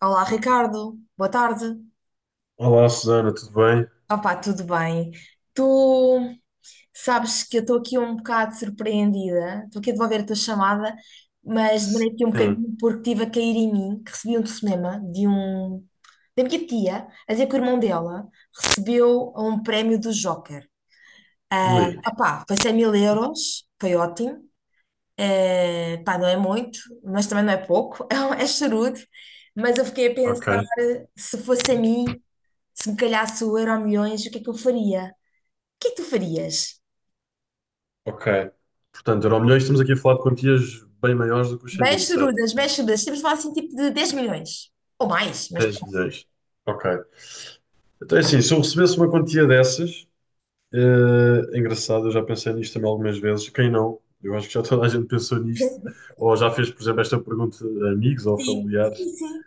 Olá, Ricardo. Boa tarde. Olá, Susana, tudo bem? Opa, tudo bem? Tu sabes que eu estou aqui um bocado surpreendida. Estou aqui a devolver a tua chamada, mas demorei aqui um Sim. bocadinho porque estive a cair em mim, que recebi um telefonema de um da minha tia, a dizer que o irmão dela recebeu um prémio do Joker. Ah, Ui, opa, foi 100 mil euros, foi ótimo. Eh, pá, não é muito, mas também não é pouco, é charudo. Mas eu fiquei a pensar, ok, se fosse a mim, se me calhasse o Euro Milhões, o que é que eu faria? O que é que tu farias? ok. Portanto, Euromilhões, estamos aqui a falar de quantias bem maiores do que os 100 Bem mil, certo? chorudas, bem chorudas. Temos de falar assim, tipo de 10 milhões. Ou mais, mas 10 pronto. milhões. Ok. Então, é assim, se eu recebesse uma quantia dessas, é engraçado, eu já pensei nisto também algumas vezes. Quem não? Eu acho que já toda a gente pensou nisto, ou já fez, por exemplo, esta pergunta a amigos ou Sim, familiares. sim, sim.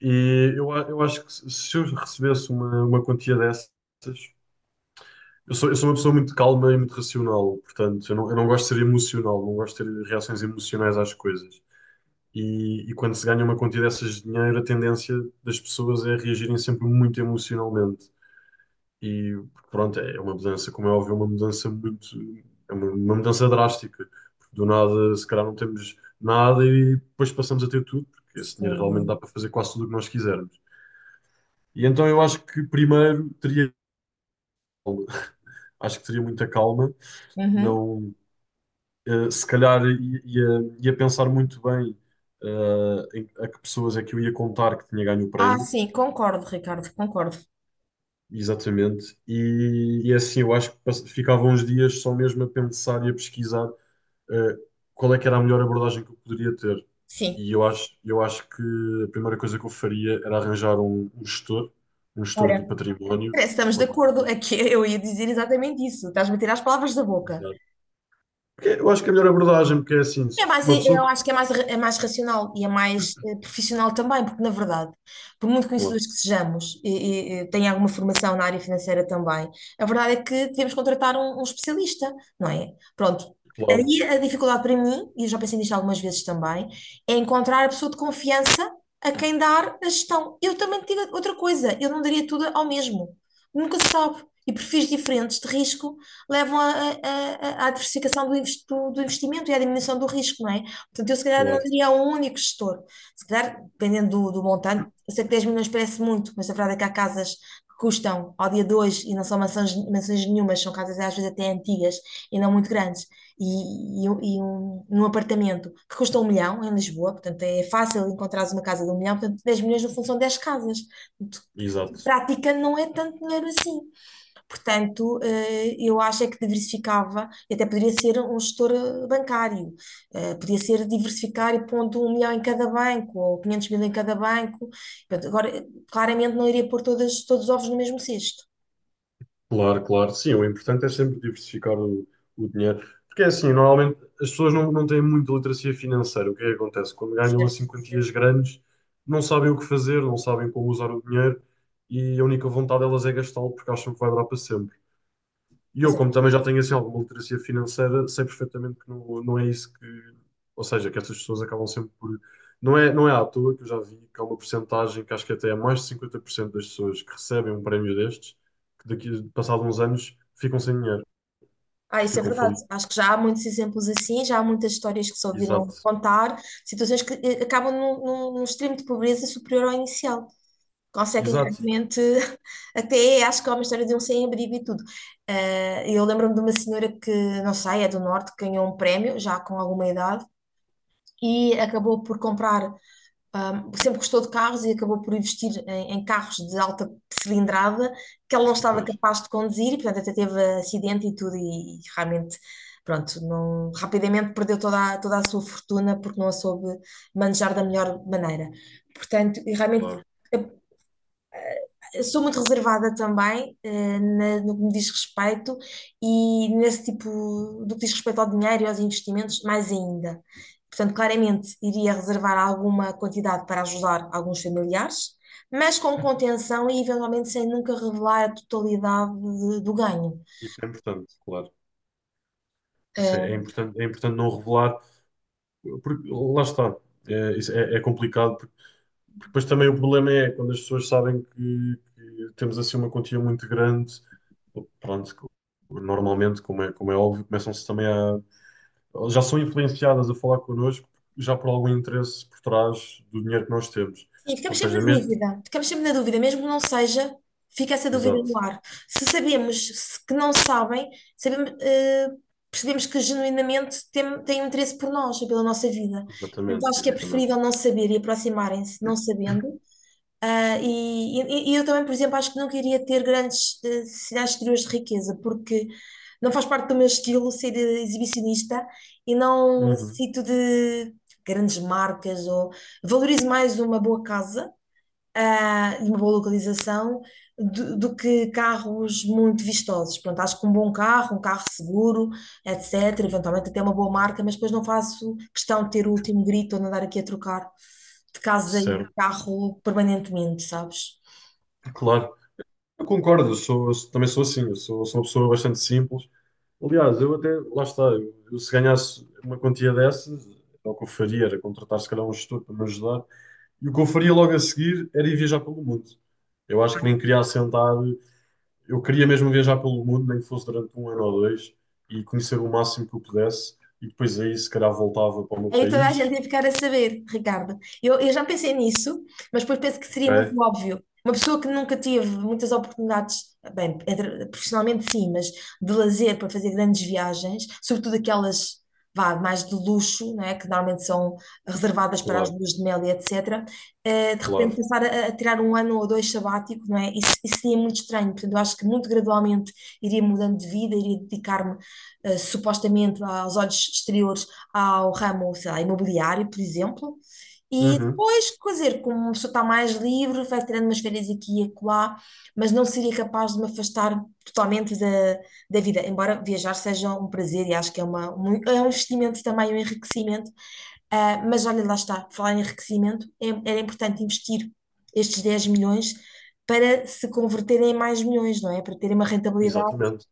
E eu, eu acho que se eu recebesse uma quantia dessas. Eu sou uma pessoa muito calma e muito racional, portanto, eu não gosto de ser emocional, não gosto de ter reações emocionais às coisas. E quando se ganha uma quantia dessas de dinheiro, a tendência das pessoas é reagirem sempre muito emocionalmente. E pronto, é uma mudança, como é óbvio, é uma mudança muito. É uma mudança drástica. Do nada, se calhar, não temos nada e depois passamos a ter tudo, porque esse dinheiro realmente dá Sim. para fazer quase tudo o que nós quisermos. E então eu acho que primeiro teria calma. Acho que teria muita calma, Uhum. não, se calhar ia pensar muito bem, a que pessoas é que eu ia contar que tinha ganho o Ah, prémio, sim, concordo, Ricardo, concordo. exatamente, e é assim eu acho que ficava uns dias só mesmo a pensar e a pesquisar, eh, qual é que era a melhor abordagem que eu poderia ter. Sim. E eu acho que a primeira coisa que eu faria era arranjar um gestor, um gestor Olha, de património. parece que estamos de ou de- acordo. Aqui eu ia dizer exatamente isso. Estás-me a tirar as palavras da boca. Exato. Porque eu acho que é a melhor abordagem, porque é assim, É se mais, uma pessoa. eu acho que é mais racional e é mais profissional também, porque na verdade, por muito Claro, conhecedores que sejamos e tenha alguma formação na área financeira também, a verdade é que devemos contratar um especialista, não é? Pronto. claro, Aí a dificuldade para mim, e eu já pensei nisto algumas vezes também, é encontrar a pessoa de confiança a quem dar a gestão. Eu também te digo outra coisa, eu não daria tudo ao mesmo. Nunca se sabe. E perfis diferentes de risco levam a- à diversificação do investimento e à diminuição do risco, não é? Portanto, eu se calhar não claro. diria a um único gestor. Se calhar, dependendo do montante, eu sei que 10 milhões parece muito, mas a verdade é que há casas que custam ao dia de hoje e não são mansões, mansões nenhumas, são casas às vezes até antigas e não muito grandes. Um apartamento que custa um milhão em Lisboa, portanto é fácil encontrares uma casa de um milhão, portanto 10 milhões no fundo são 10 casas. Portanto, Exato. praticando não é tanto dinheiro assim. Portanto, eu acho é que diversificava, e até poderia ser um gestor bancário. Podia ser diversificar e pondo um milhão em cada banco, ou 500 mil em cada banco. Portanto, agora, claramente não iria pôr todas, todos os ovos no mesmo cesto, Claro, claro. Sim, o importante é sempre diversificar o dinheiro. Porque é assim, normalmente as pessoas não têm muita literacia financeira. O que é que acontece? Quando ganham certo? assim quantias grandes, não sabem o que fazer, não sabem como usar o dinheiro e a única vontade delas é gastá-lo porque acham que vai durar para sempre. E eu, como Exato. também já tenho assim alguma literacia financeira, sei perfeitamente que não, não é isso que. Ou seja, que estas pessoas acabam sempre por. Não é à toa que eu já vi que há uma porcentagem que acho que até é mais de 50% das pessoas que recebem um prémio destes, que daqui, passado uns anos, ficam sem dinheiro, Ah, isso é ficam verdade. falidos. Acho que já há muitos exemplos assim, já há muitas histórias que se ouviram Exato. contar, situações que acabam num extremo de pobreza superior ao inicial. Conseguem Exato. realmente, até acho que há uma história de um sem-abrigo e tudo. Eu lembro-me de uma senhora que, não sei, é do Norte, que ganhou um prémio, já com alguma idade, e acabou por comprar, sempre gostou de carros e acabou por investir em carros de alta cilindrada que ela não E, estava pois, capaz de conduzir, e portanto até teve acidente e tudo, e, realmente, pronto, não, rapidamente perdeu toda a sua fortuna porque não a soube manejar da melhor maneira. Portanto, e realmente claro. sou muito reservada também, no que me diz respeito e nesse tipo, do que diz respeito ao dinheiro e aos investimentos, mais ainda. Portanto, claramente iria reservar alguma quantidade para ajudar alguns familiares, mas com contenção e eventualmente sem nunca revelar a totalidade do ganho. Isso é importante, claro. Isso é Eh, importante, é importante não revelar, porque lá está. É, isso é complicado. Porque depois também o problema é quando as pessoas sabem que temos assim uma quantia muito grande, pronto, normalmente, como é óbvio, começam-se também a. Já são influenciadas a falar connosco já por algum interesse por trás do dinheiro que nós temos. Sim, Ou ficamos sempre seja, na mesmo. dúvida. Ficamos sempre na dúvida, mesmo que não seja, fica essa dúvida no Exato, ar. Se sabemos que não sabem, sabemos, percebemos que genuinamente têm um interesse por nós e pela nossa vida. Portanto, exatamente, acho que é exatamente. preferível não saber e aproximarem-se não sabendo. Ah, e eu também, por exemplo, acho que não queria ter grandes sinais exteriores de riqueza, porque não faz parte do meu estilo ser exibicionista e não Uhum, necessito de grandes marcas ou valorizo mais uma boa casa de uma boa localização do que carros muito vistosos. Pronto, acho que um bom carro, um carro seguro, etc. Eventualmente até uma boa marca, mas depois não faço questão de ter o último grito ou de andar aqui a trocar de casa e de certo, carro permanentemente, sabes? claro. Eu concordo, eu sou, eu também sou assim, eu sou uma pessoa bastante simples. Aliás, eu até, lá está, eu se ganhasse uma quantia dessas, era o que eu faria, era contratar se calhar um gestor para me ajudar. E o que eu faria logo a seguir era ir viajar pelo mundo. Eu acho que nem queria assentar, eu queria mesmo viajar pelo mundo, nem que fosse durante um ano ou dois, e conhecer o máximo que eu pudesse, e depois aí se calhar voltava para o meu Aí toda a gente país. ia ficar a saber, Ricardo. Eu já pensei nisso, mas depois penso que seria muito É, óbvio. Uma pessoa que nunca teve muitas oportunidades, bem, profissionalmente sim, mas de lazer para fazer grandes viagens, sobretudo aquelas, vá, mais de luxo, não é? Que normalmente são reservadas para as claro, luas de mel e etc. De repente claro. passar a tirar um ano ou dois sabático, não é? Isso seria muito estranho. Portanto, eu acho que muito gradualmente iria mudando de vida, iria dedicar-me supostamente aos olhos exteriores ao ramo, sei lá, imobiliário, por exemplo. E Uhum, depois, quer dizer, como uma pessoa está mais livre, vai tirando umas férias aqui e acolá, mas não seria capaz de me afastar totalmente da vida, embora viajar seja um prazer e acho que é um investimento também, um enriquecimento. Ah, mas olha, lá está, falar em enriquecimento, era importante investir estes 10 milhões para se converterem em mais milhões, não é? Para terem uma rentabilidade exatamente,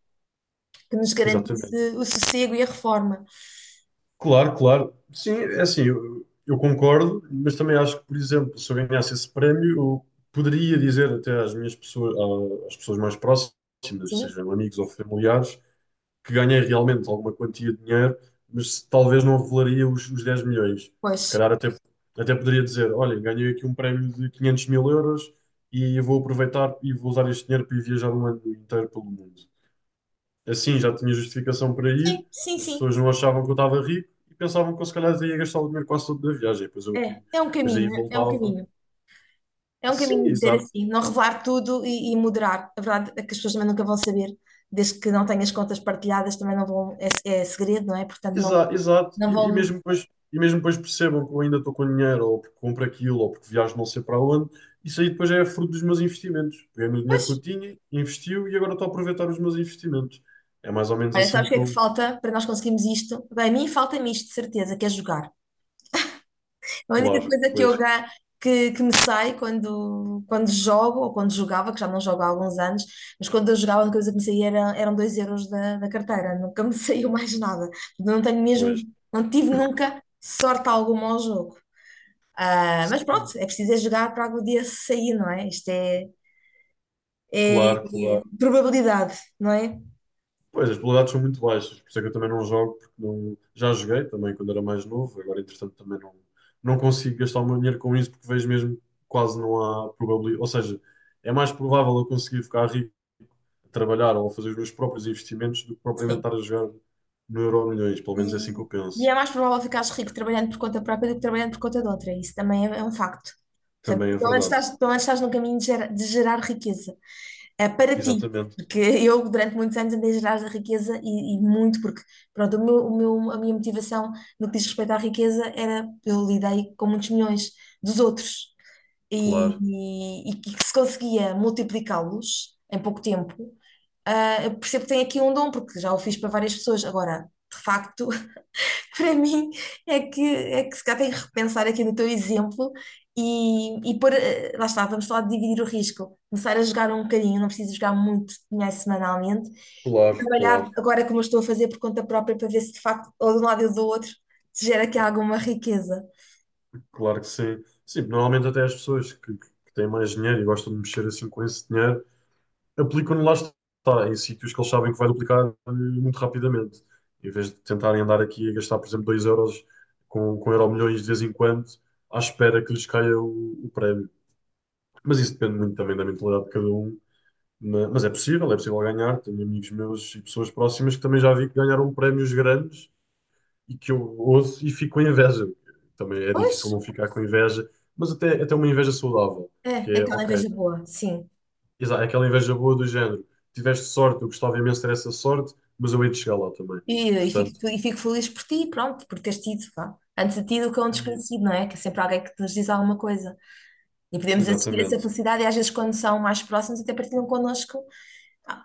que nos garantisse exatamente. o sossego e a reforma. Claro, claro. Sim, é assim, eu concordo, mas também acho que, por exemplo, se eu ganhasse esse prémio, eu poderia dizer até às minhas pessoas, às pessoas mais próximas, Sim, sejam amigos ou familiares, que ganhei realmente alguma quantia de dinheiro, mas talvez não revelaria os 10 milhões. Se pois. calhar até poderia dizer: olha, ganhei aqui um prémio de 500.000 euros e eu vou aproveitar e vou usar este dinheiro para ir viajar um ano inteiro pelo mundo. Assim já tinha justificação para Sim, ir, sim, as sim. pessoas não achavam que eu estava rico e pensavam que eu se calhar ia gastar o dinheiro quase todo da viagem. Depois eu aqui, É, é um depois aí caminho, é um voltava. caminho. É um Sim, caminho dizer exato. assim, não revelar tudo e moderar. A verdade é que as pessoas também nunca vão saber, desde que não tenhas contas partilhadas, também não vão, é segredo, não é? Portanto, não, Exato. não E, e vão. mesmo depois, e mesmo depois percebam que eu ainda estou com dinheiro, ou porque compro aquilo, ou porque viajo não sei para onde, isso aí depois é fruto dos meus investimentos. Peguei no dinheiro Pois, que eu tinha, investiu e agora estou a aproveitar os meus investimentos. É mais ou menos olha, assim sabes o que que é que eu. falta para nós conseguirmos isto? Bem, a mim falta-me isto, de certeza, que é jogar. A única Claro, coisa que pois, eu que me sai quando jogo, ou quando jogava, que já não jogo há alguns anos, mas quando eu jogava, a única coisa que me saía era, eram 2 euros da carteira, nunca me saiu mais nada. Não tenho mesmo, pois. não tive nunca sorte alguma ao jogo. Ah, mas pronto, Sim, é preciso é jogar para algum dia sair, não é? Isto é, é claro, é claro. probabilidade, não é? Pois, as probabilidades são muito baixas, por isso é que eu também não jogo, porque não, já joguei também quando era mais novo, agora entretanto também não, não consigo gastar o meu dinheiro com isso, porque vejo mesmo que quase não há probabilidade, ou seja, é mais provável eu conseguir ficar rico a trabalhar ou a fazer os meus próprios investimentos do que propriamente Sim. estar a jogar no Euro Milhões, pelo menos é assim que E, eu e penso, é mais provável ficares rico trabalhando por conta própria do que trabalhando por conta de outra. Isso também é um facto. Portanto, também é verdade. Pelo menos estás no caminho de gerar, riqueza. É para ti. Exatamente, Porque eu, durante muitos anos, andei a gerar a riqueza e muito, porque, pronto, a minha motivação no que diz respeito à riqueza era, eu lidei com muitos milhões dos outros. E, claro, e que se conseguia multiplicá-los em pouco tempo, eu percebo que tem aqui um dom, porque já o fiz para várias pessoas. Agora, de facto, para mim é que, se calhar tem que repensar aqui no teu exemplo e pôr, lá está, vamos falar dividir o risco, começar a jogar um bocadinho, não preciso jogar muito dinheiro semanalmente, claro, trabalhar claro, agora como eu estou a fazer por conta própria para ver se de facto, ou de um lado ou do outro, se gera aqui alguma riqueza. claro que sim. Sim, normalmente até as pessoas que têm mais dinheiro e gostam de mexer assim com esse dinheiro aplicam lá está, em sítios que eles sabem que vai duplicar, muito rapidamente. Em vez de tentarem andar aqui a gastar, por exemplo, 2 euros com euro milhões de vez em quando, à espera que lhes caia o prémio. Mas isso depende muito também da mentalidade de cada um. Mas, é possível ganhar. Tenho amigos meus e pessoas próximas que também já vi que ganharam prémios grandes e que eu ouço e fico com inveja. Também é difícil Pois, não ficar com inveja, mas até uma inveja saudável, é, que é é, aquela ok. inveja boa, sim. Exato, aquela inveja boa do género. Tiveste sorte, eu gostava imenso de ter essa sorte, mas eu hei de chegar lá também. E Portanto, fico feliz por ti, pronto, por teres tido, vá. Antes de ti do que é um e- desconhecido, não é? Que é sempre alguém que nos diz alguma coisa. E podemos assistir essa exatamente. felicidade e às vezes quando são mais próximos até partilham connosco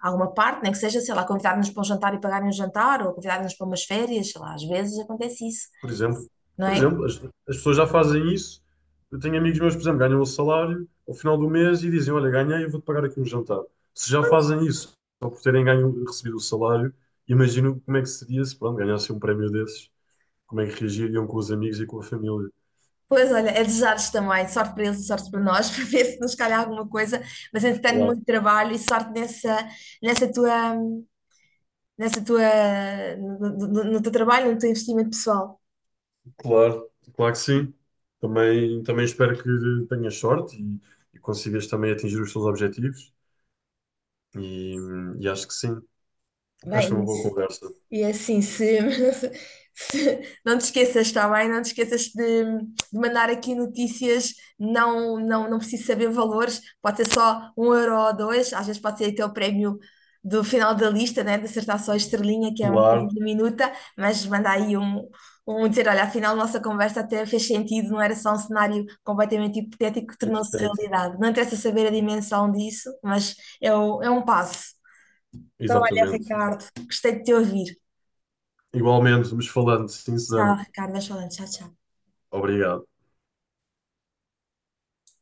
alguma parte, nem que seja, sei lá, convidar-nos para um jantar e pagarem um jantar, ou convidar-nos para umas férias, sei lá, às vezes acontece isso, Por exemplo, não por é? exemplo, as pessoas já fazem isso. Eu tenho amigos meus, por exemplo, ganham o salário ao final do mês e dizem: olha, ganhei, eu vou-te pagar aqui um jantar. Se já fazem isso, só por terem ganho, recebido o salário, imagino como é que seria se, pronto, ganhassem um prémio desses, como é que reagiriam com os amigos e com a família. Pois olha, é desejar-vos também sorte para eles e sorte para nós, para ver se nos calha alguma coisa, mas entretanto muito trabalho e sorte nessa, nessa tua, nessa tua, no- no- no teu trabalho, no teu investimento pessoal. Claro, claro que sim. Também espero que tenhas sorte e consigas também atingir os teus objetivos. E, e acho que sim. Acho que Bem, foi uma boa conversa. e é assim, se, se não te esqueças, está bem? Não te esqueças de mandar aqui notícias, não, não, não preciso saber valores, pode ser só um euro ou dois, às vezes pode ser até o prémio do final da lista, né? De acertar só a estrelinha, que é uma coisa Claro, diminuta, mas manda aí um dizer, olha, afinal nossa conversa até fez sentido, não era só um cenário completamente hipotético que tornou-se hipotético. realidade. Não interessa saber a dimensão disso, mas é um passo. Então, olha, Exatamente. Ricardo, gostei de te ouvir. Igualmente, vamos falando. Sim, Tchau, Susana. Ricardo. Vais falando. Tchau, tchau. Obrigado.